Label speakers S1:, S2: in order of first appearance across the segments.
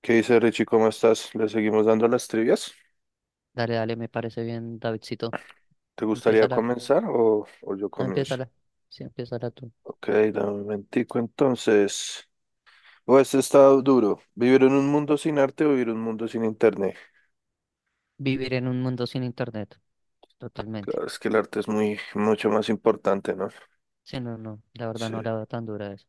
S1: ¿Qué dice Richie? ¿Cómo estás? ¿Le seguimos dando las trivias?
S2: Dale, dale, me parece bien, Davidcito.
S1: ¿Te gustaría
S2: Empiézala,
S1: comenzar o yo
S2: no,
S1: comienzo?
S2: empiézala. Sí, empiézala tú.
S1: Ok, dame un momentico entonces. O este está duro. ¿Vivir en un mundo sin arte o vivir en un mundo sin internet?
S2: Vivir en un mundo sin internet, totalmente.
S1: Claro, es que el arte es mucho más importante, ¿no?
S2: Sí, no, no, la verdad
S1: Sí.
S2: no la veo tan dura eso.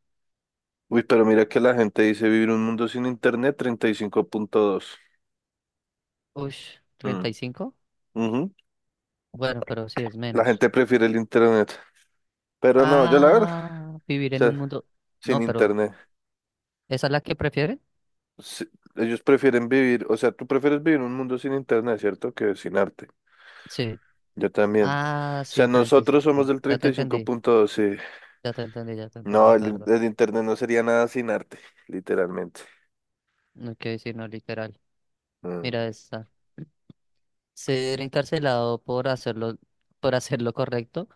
S1: Uy, pero mira que la gente dice vivir un mundo sin internet, 35.2.
S2: Ush, ¿treinta y
S1: Mm.
S2: cinco
S1: Ujú.
S2: Bueno, pero sí es
S1: La
S2: menos.
S1: gente prefiere el internet. Pero no, yo la verdad,
S2: Ah, vivir
S1: o
S2: en un
S1: sea,
S2: mundo...
S1: sin
S2: No, pero
S1: internet.
S2: ¿esa es la que prefieren?
S1: Sí, ellos prefieren vivir, o sea, tú prefieres vivir en un mundo sin internet, ¿cierto? Que sin arte.
S2: Sí.
S1: Yo también. O
S2: Ah,
S1: sea,
S2: sí, treinta y
S1: nosotros somos
S2: cinco
S1: del
S2: Ya te entendí,
S1: 35.2, sí.
S2: ya te entendí, ya te
S1: No,
S2: entendí, perdón.
S1: el internet no sería nada sin arte, literalmente.
S2: No quiero decir no literal.
S1: Mm.
S2: Mira esta. Ser encarcelado por hacer lo correcto,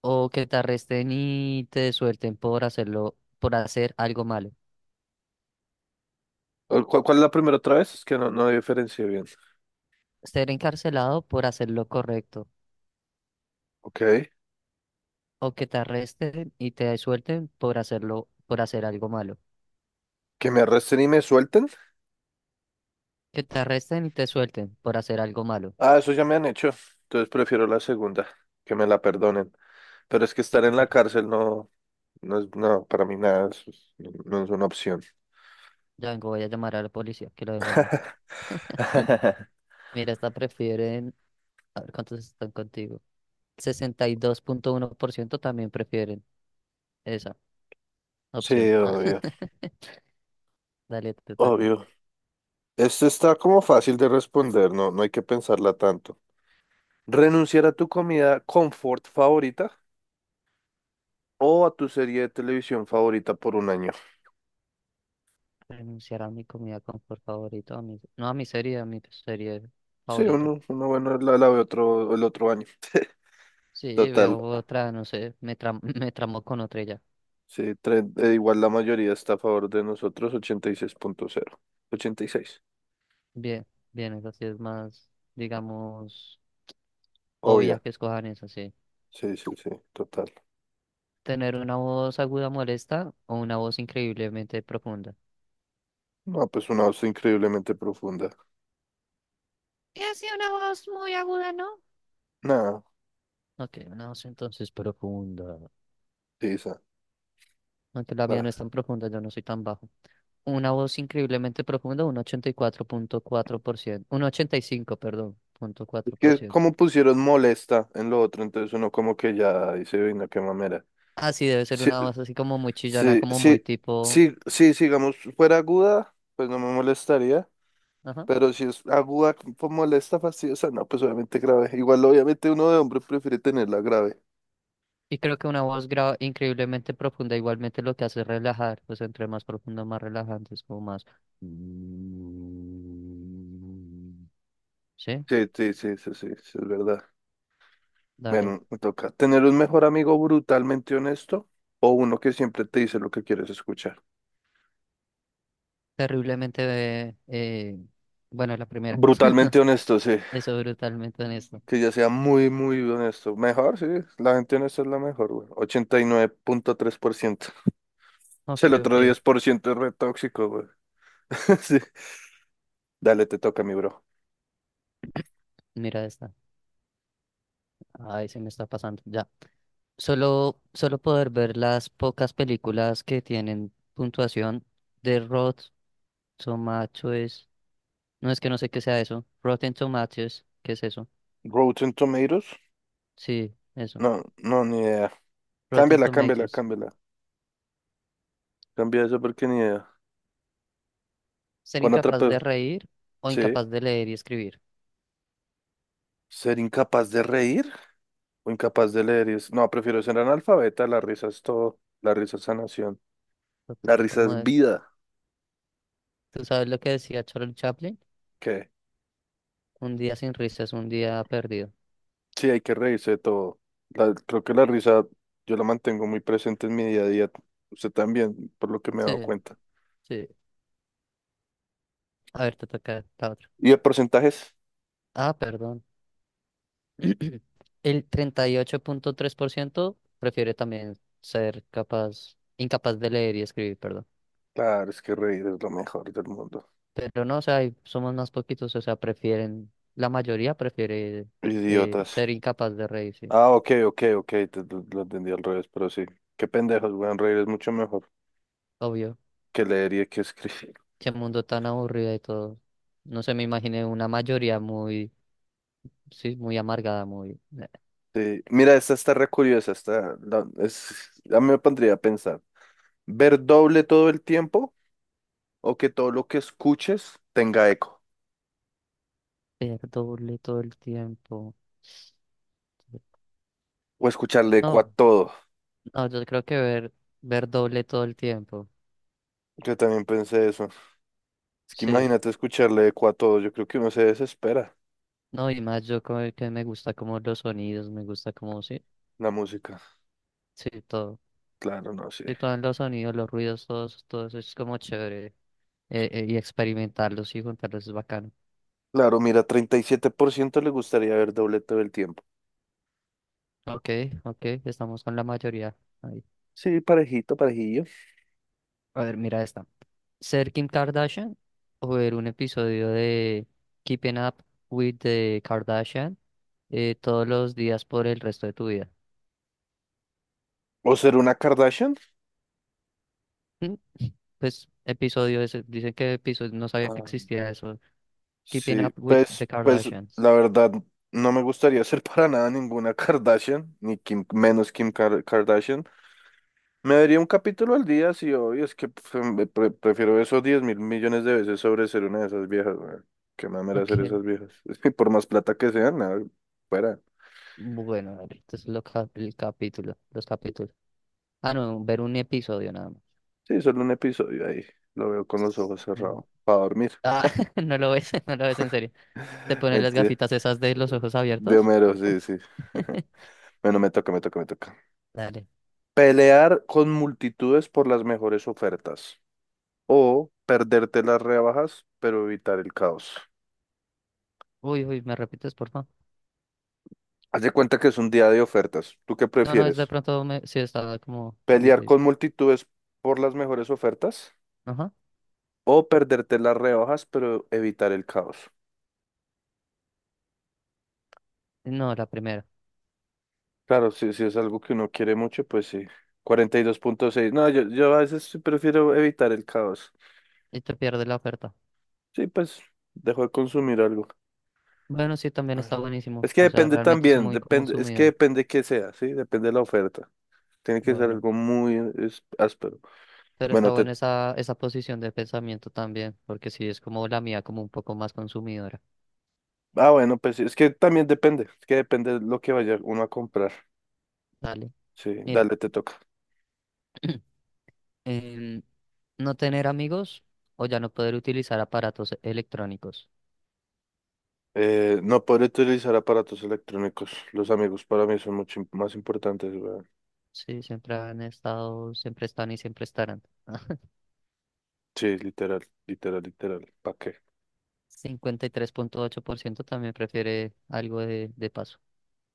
S2: o que te arresten y te suelten por hacer algo malo.
S1: ¿Cuál es la primera otra vez? Es que no diferencié bien.
S2: Ser encarcelado por hacer lo correcto,
S1: Ok.
S2: o que te arresten y te suelten por hacer algo malo.
S1: ¿Que me arresten y me suelten?
S2: Que te arresten y te suelten por hacer algo malo.
S1: Ah, eso ya me han hecho. Entonces prefiero la segunda, que me la perdonen. Pero es que
S2: ¿Qué
S1: estar
S2: te
S1: en la
S2: parece?
S1: cárcel no, no es, no, para mí nada, no es una opción.
S2: Ya vengo, voy a llamar a la policía, que lo devuelvan. Mira, esta prefieren, a ver cuántos están contigo. 62,1% también prefieren esa opción.
S1: Sí, obvio,
S2: Dale, te toca.
S1: obvio. Esto está como fácil de responder, no, no hay que pensarla tanto. ¿Renunciar a tu comida confort favorita o a tu serie de televisión favorita por un año?
S2: Renunciar a mi comida confort favorita, no a mi serie
S1: Sí,
S2: favorita.
S1: uno bueno, la ve otro, el otro año.
S2: Sí,
S1: Total,
S2: veo otra, no sé, me tramó con otra y ya.
S1: sí, igual la mayoría está a favor de nosotros, 86,0, 86.
S2: Bien, bien, es sí es más, digamos, obvia
S1: Obvia,
S2: que escojan eso, sí.
S1: sí, sí, sí, total.
S2: Tener una voz aguda molesta o una voz increíblemente profunda.
S1: No, pues una voz increíblemente profunda.
S2: Y así una voz muy aguda, ¿no?
S1: Nada,
S2: Ok, una voz entonces profunda.
S1: sí, esa.
S2: Aunque la mía no es tan
S1: Ah.
S2: profunda, yo no soy tan bajo. Una voz increíblemente profunda, un 84 4,4%, un 85, perdón, punto
S1: Es
S2: cuatro por
S1: que
S2: ciento.
S1: como pusieron molesta en lo otro, entonces uno como que ya dice, venga, qué mamera.
S2: Ah, sí, debe ser
S1: Sí,
S2: una voz así como muy chillona,
S1: sí,
S2: como muy
S1: sí,
S2: tipo...
S1: sí, sí, si digamos, fuera aguda, pues no me molestaría,
S2: Ajá.
S1: pero si es aguda, pues molesta, fastidiosa, no, pues obviamente grave. Igual, obviamente, uno de hombre prefiere tenerla grave.
S2: Y creo que una voz increíblemente profunda igualmente lo que hace es relajar, pues entre más profundo, más relajante, es como más... Sí,
S1: Sí, sí, sí, sí, sí, sí, es verdad.
S2: dale.
S1: Bueno, me toca tener un mejor amigo brutalmente honesto o uno que siempre te dice lo que quieres escuchar.
S2: Terriblemente... bueno, la primera, no
S1: Brutalmente
S2: sé,
S1: honesto, sí,
S2: eso brutalmente honesto.
S1: que ya sea muy, muy honesto. Mejor, sí, la gente honesta es la mejor, güey. 89.3%.
S2: Ok,
S1: El otro
S2: ok,
S1: 10% es re tóxico, güey. Dale, te toca, mi bro.
S2: mira esta. Ay, se me está pasando, ya. Solo poder ver las pocas películas que tienen puntuación de Rotten Tomatoes. No es que no sé qué sea eso. Rotten Tomatoes, ¿qué es eso?
S1: Rotten Tomatoes.
S2: Sí, eso.
S1: No, no, ni idea.
S2: Rotten
S1: Cámbiala, cámbiala,
S2: Tomatoes.
S1: cámbiala. Cambia eso porque ni idea.
S2: Ser
S1: Pon otra.
S2: incapaz de reír o
S1: Sí.
S2: incapaz de leer y escribir.
S1: Ser incapaz de reír o incapaz de leer. No, prefiero ser analfabeta. La risa es todo. La risa es sanación. La
S2: Total,
S1: risa
S2: como
S1: es
S2: de-
S1: vida.
S2: ¿Tú sabes lo que decía Charles Chaplin?
S1: ¿Qué?
S2: Un día sin risas, un día perdido.
S1: Sí, hay que reírse de todo. Creo que la risa yo la mantengo muy presente en mi día a día. Usted también, por lo que me he
S2: Sí,
S1: dado cuenta.
S2: sí. A ver, te toca la otra.
S1: ¿Y de porcentajes?
S2: Ah, perdón. El 38,3% prefiere también incapaz de leer y escribir, perdón.
S1: Claro, es que reír es lo mejor del mundo.
S2: Pero no, o sea, hay- somos más poquitos, o sea, la mayoría prefiere
S1: Idiotas.
S2: ser incapaz de reírse,
S1: Ah, ok, ok, ok, lo entendí al revés, pero sí. Qué pendejos, weón, reír es mucho mejor
S2: obvio.
S1: que leer y que escribir.
S2: Qué mundo tan aburrido y todo. No sé, me imaginé una mayoría muy, sí, muy amargada, muy...
S1: Sí. Mira, esta está re curiosa, esta es, a mí me pondría a pensar. ¿Ver doble todo el tiempo o que todo lo que escuches tenga eco?
S2: ver doble todo el tiempo.
S1: O escucharle eco a
S2: No,
S1: todo.
S2: no, yo creo que ver doble todo el tiempo.
S1: Yo también pensé eso. Es que
S2: Sí.
S1: imagínate escucharle eco a todo, yo creo que uno se desespera.
S2: No, y más yo como que me gusta como los sonidos, me gusta como, sí,
S1: La música,
S2: sí, todo.
S1: claro, no
S2: Sí,
S1: sé.
S2: todos los sonidos, los ruidos, todos, todo eso es como chévere. Y experimentarlos y juntarlos es bacano.
S1: Claro, mira, 37% le gustaría ver doble todo el tiempo.
S2: Ok, ok, estamos con la mayoría. Ahí.
S1: Sí, parejito, parejillo.
S2: A ver, mira esta. ¿Ser Kim Kardashian o ver un episodio de Keeping Up with the Kardashian, todos los días por el resto de tu vida?
S1: ¿O ser una Kardashian?
S2: Mm, pues episodio ese, dicen que episodio, no sabía que
S1: Ah,
S2: existía eso. Keeping
S1: sí,
S2: Up with
S1: pues,
S2: the
S1: pues
S2: Kardashians.
S1: la verdad no me gustaría ser para nada ninguna Kardashian, ni Kim, menos Kim Kardashian. Me daría un capítulo al día, sí, hoy es que prefiero esos 10 mil millones de veces sobre ser una de esas viejas, weón. Qué mamera ser
S2: Ok,
S1: esas viejas. Es que por más plata que sean, nada, fuera.
S2: bueno, a ver, estos son los el capítulo, los capítulos. Ah, no, ver un episodio nada más.
S1: Sí, solo un episodio ahí. Lo veo con los ojos cerrados.
S2: Sí.
S1: Para dormir.
S2: Ah, no lo ves, no lo ves en serio. ¿Te pones las
S1: Mentira.
S2: gafitas esas de los ojos
S1: De
S2: abiertos?
S1: Homero, sí, sí. Bueno, me toca, me toca, me toca.
S2: Dale.
S1: Pelear con multitudes por las mejores ofertas o perderte las rebajas, pero evitar el caos.
S2: Uy, uy, ¿me repites, por favor?
S1: Haz de cuenta que es un día de ofertas. ¿Tú qué
S2: No, no, es de
S1: prefieres?
S2: pronto, me... sí, estaba como...
S1: ¿Pelear con multitudes por las mejores ofertas
S2: ajá.
S1: o perderte las rebajas, pero evitar el caos?
S2: No, la primera.
S1: Claro, si, si es algo que uno quiere mucho, pues sí. 42,6. No, yo a veces sí prefiero evitar el caos.
S2: Y te pierdes la oferta.
S1: Sí, pues dejo de consumir algo.
S2: Bueno, sí, también está buenísimo.
S1: Es que
S2: O sea,
S1: depende
S2: realmente soy
S1: también,
S2: muy como
S1: depende, es que
S2: sumido.
S1: depende qué sea, ¿sí? Depende de la oferta. Tiene que ser
S2: Bueno,
S1: algo muy áspero.
S2: pero está
S1: Bueno, te
S2: buena esa posición de pensamiento también, porque sí, es como la mía, como un poco más consumidora.
S1: ah, bueno, pues sí, es que también depende, es que depende de lo que vaya uno a comprar.
S2: Dale.
S1: Sí,
S2: Mira,
S1: dale, te toca.
S2: em, no tener amigos o ya no poder utilizar aparatos electrónicos.
S1: No podré utilizar aparatos electrónicos. Los amigos para mí son mucho más importantes, weón.
S2: Sí, siempre han estado, siempre están y siempre estarán.
S1: Sí, literal, literal, literal. ¿Para qué?
S2: 53,8% también prefiere algo de paso.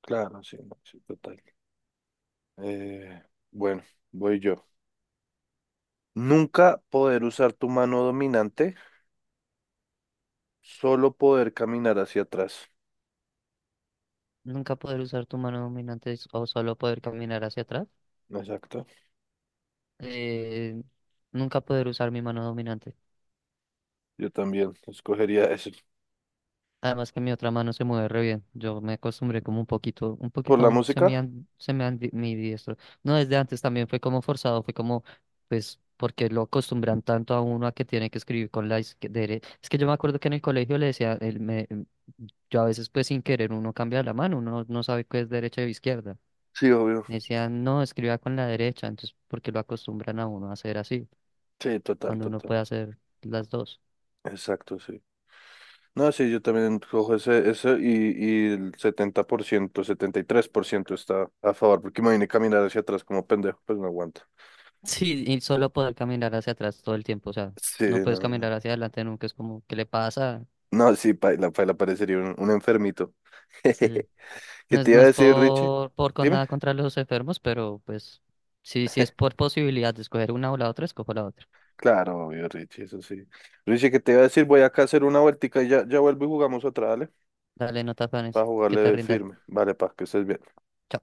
S1: Claro, sí, no, sí, total. Eh, bueno, voy yo. Nunca poder usar tu mano dominante, solo poder caminar hacia atrás.
S2: Nunca poder usar tu mano dominante o solo poder caminar hacia atrás.
S1: Exacto.
S2: Eh, nunca poder usar mi mano dominante.
S1: Yo también escogería eso.
S2: Además que mi otra mano se mueve re bien. Yo me acostumbré como un
S1: ¿Por la
S2: poquito
S1: música?
S2: se me han mi diestro. No, desde antes también fue como forzado, fue como, pues, porque lo acostumbran tanto a uno a que tiene que escribir con la izquierda. Es que yo me acuerdo que en el colegio le decía, yo a veces pues sin querer uno cambia la mano, uno no sabe qué es derecha o izquierda.
S1: Sí, obvio.
S2: Me decían, no, escriba con la derecha, entonces, porque lo acostumbran a uno a hacer así,
S1: Sí, total,
S2: cuando uno
S1: total.
S2: puede hacer las dos.
S1: Exacto, sí. No, sí, yo también cojo ese y el 70% 73% está a favor, porque imagínate caminar hacia atrás como pendejo, pues no aguanta.
S2: Sí, y solo poder caminar hacia atrás todo el tiempo, o sea,
S1: Sí,
S2: no puedes
S1: no, no.
S2: caminar hacia adelante nunca, es como, ¿qué le pasa?
S1: No, sí, paila, paila, parecería un enfermito.
S2: Sí.
S1: ¿Qué
S2: No es,
S1: te
S2: no
S1: iba a
S2: es
S1: decir, Richie?
S2: por con
S1: Dime.
S2: nada contra los enfermos, pero pues sí, sí es por posibilidad de escoger una o la otra, escojo la otra.
S1: Claro, obvio, Richie, eso sí. Richie, ¿qué te iba a decir? Voy acá a hacer una vueltica y ya, ya vuelvo y jugamos otra, ¿vale?
S2: Dale, no te
S1: Para
S2: afanes, que te
S1: jugarle
S2: rinda.
S1: firme. Vale, pa, que estés bien.
S2: Chao.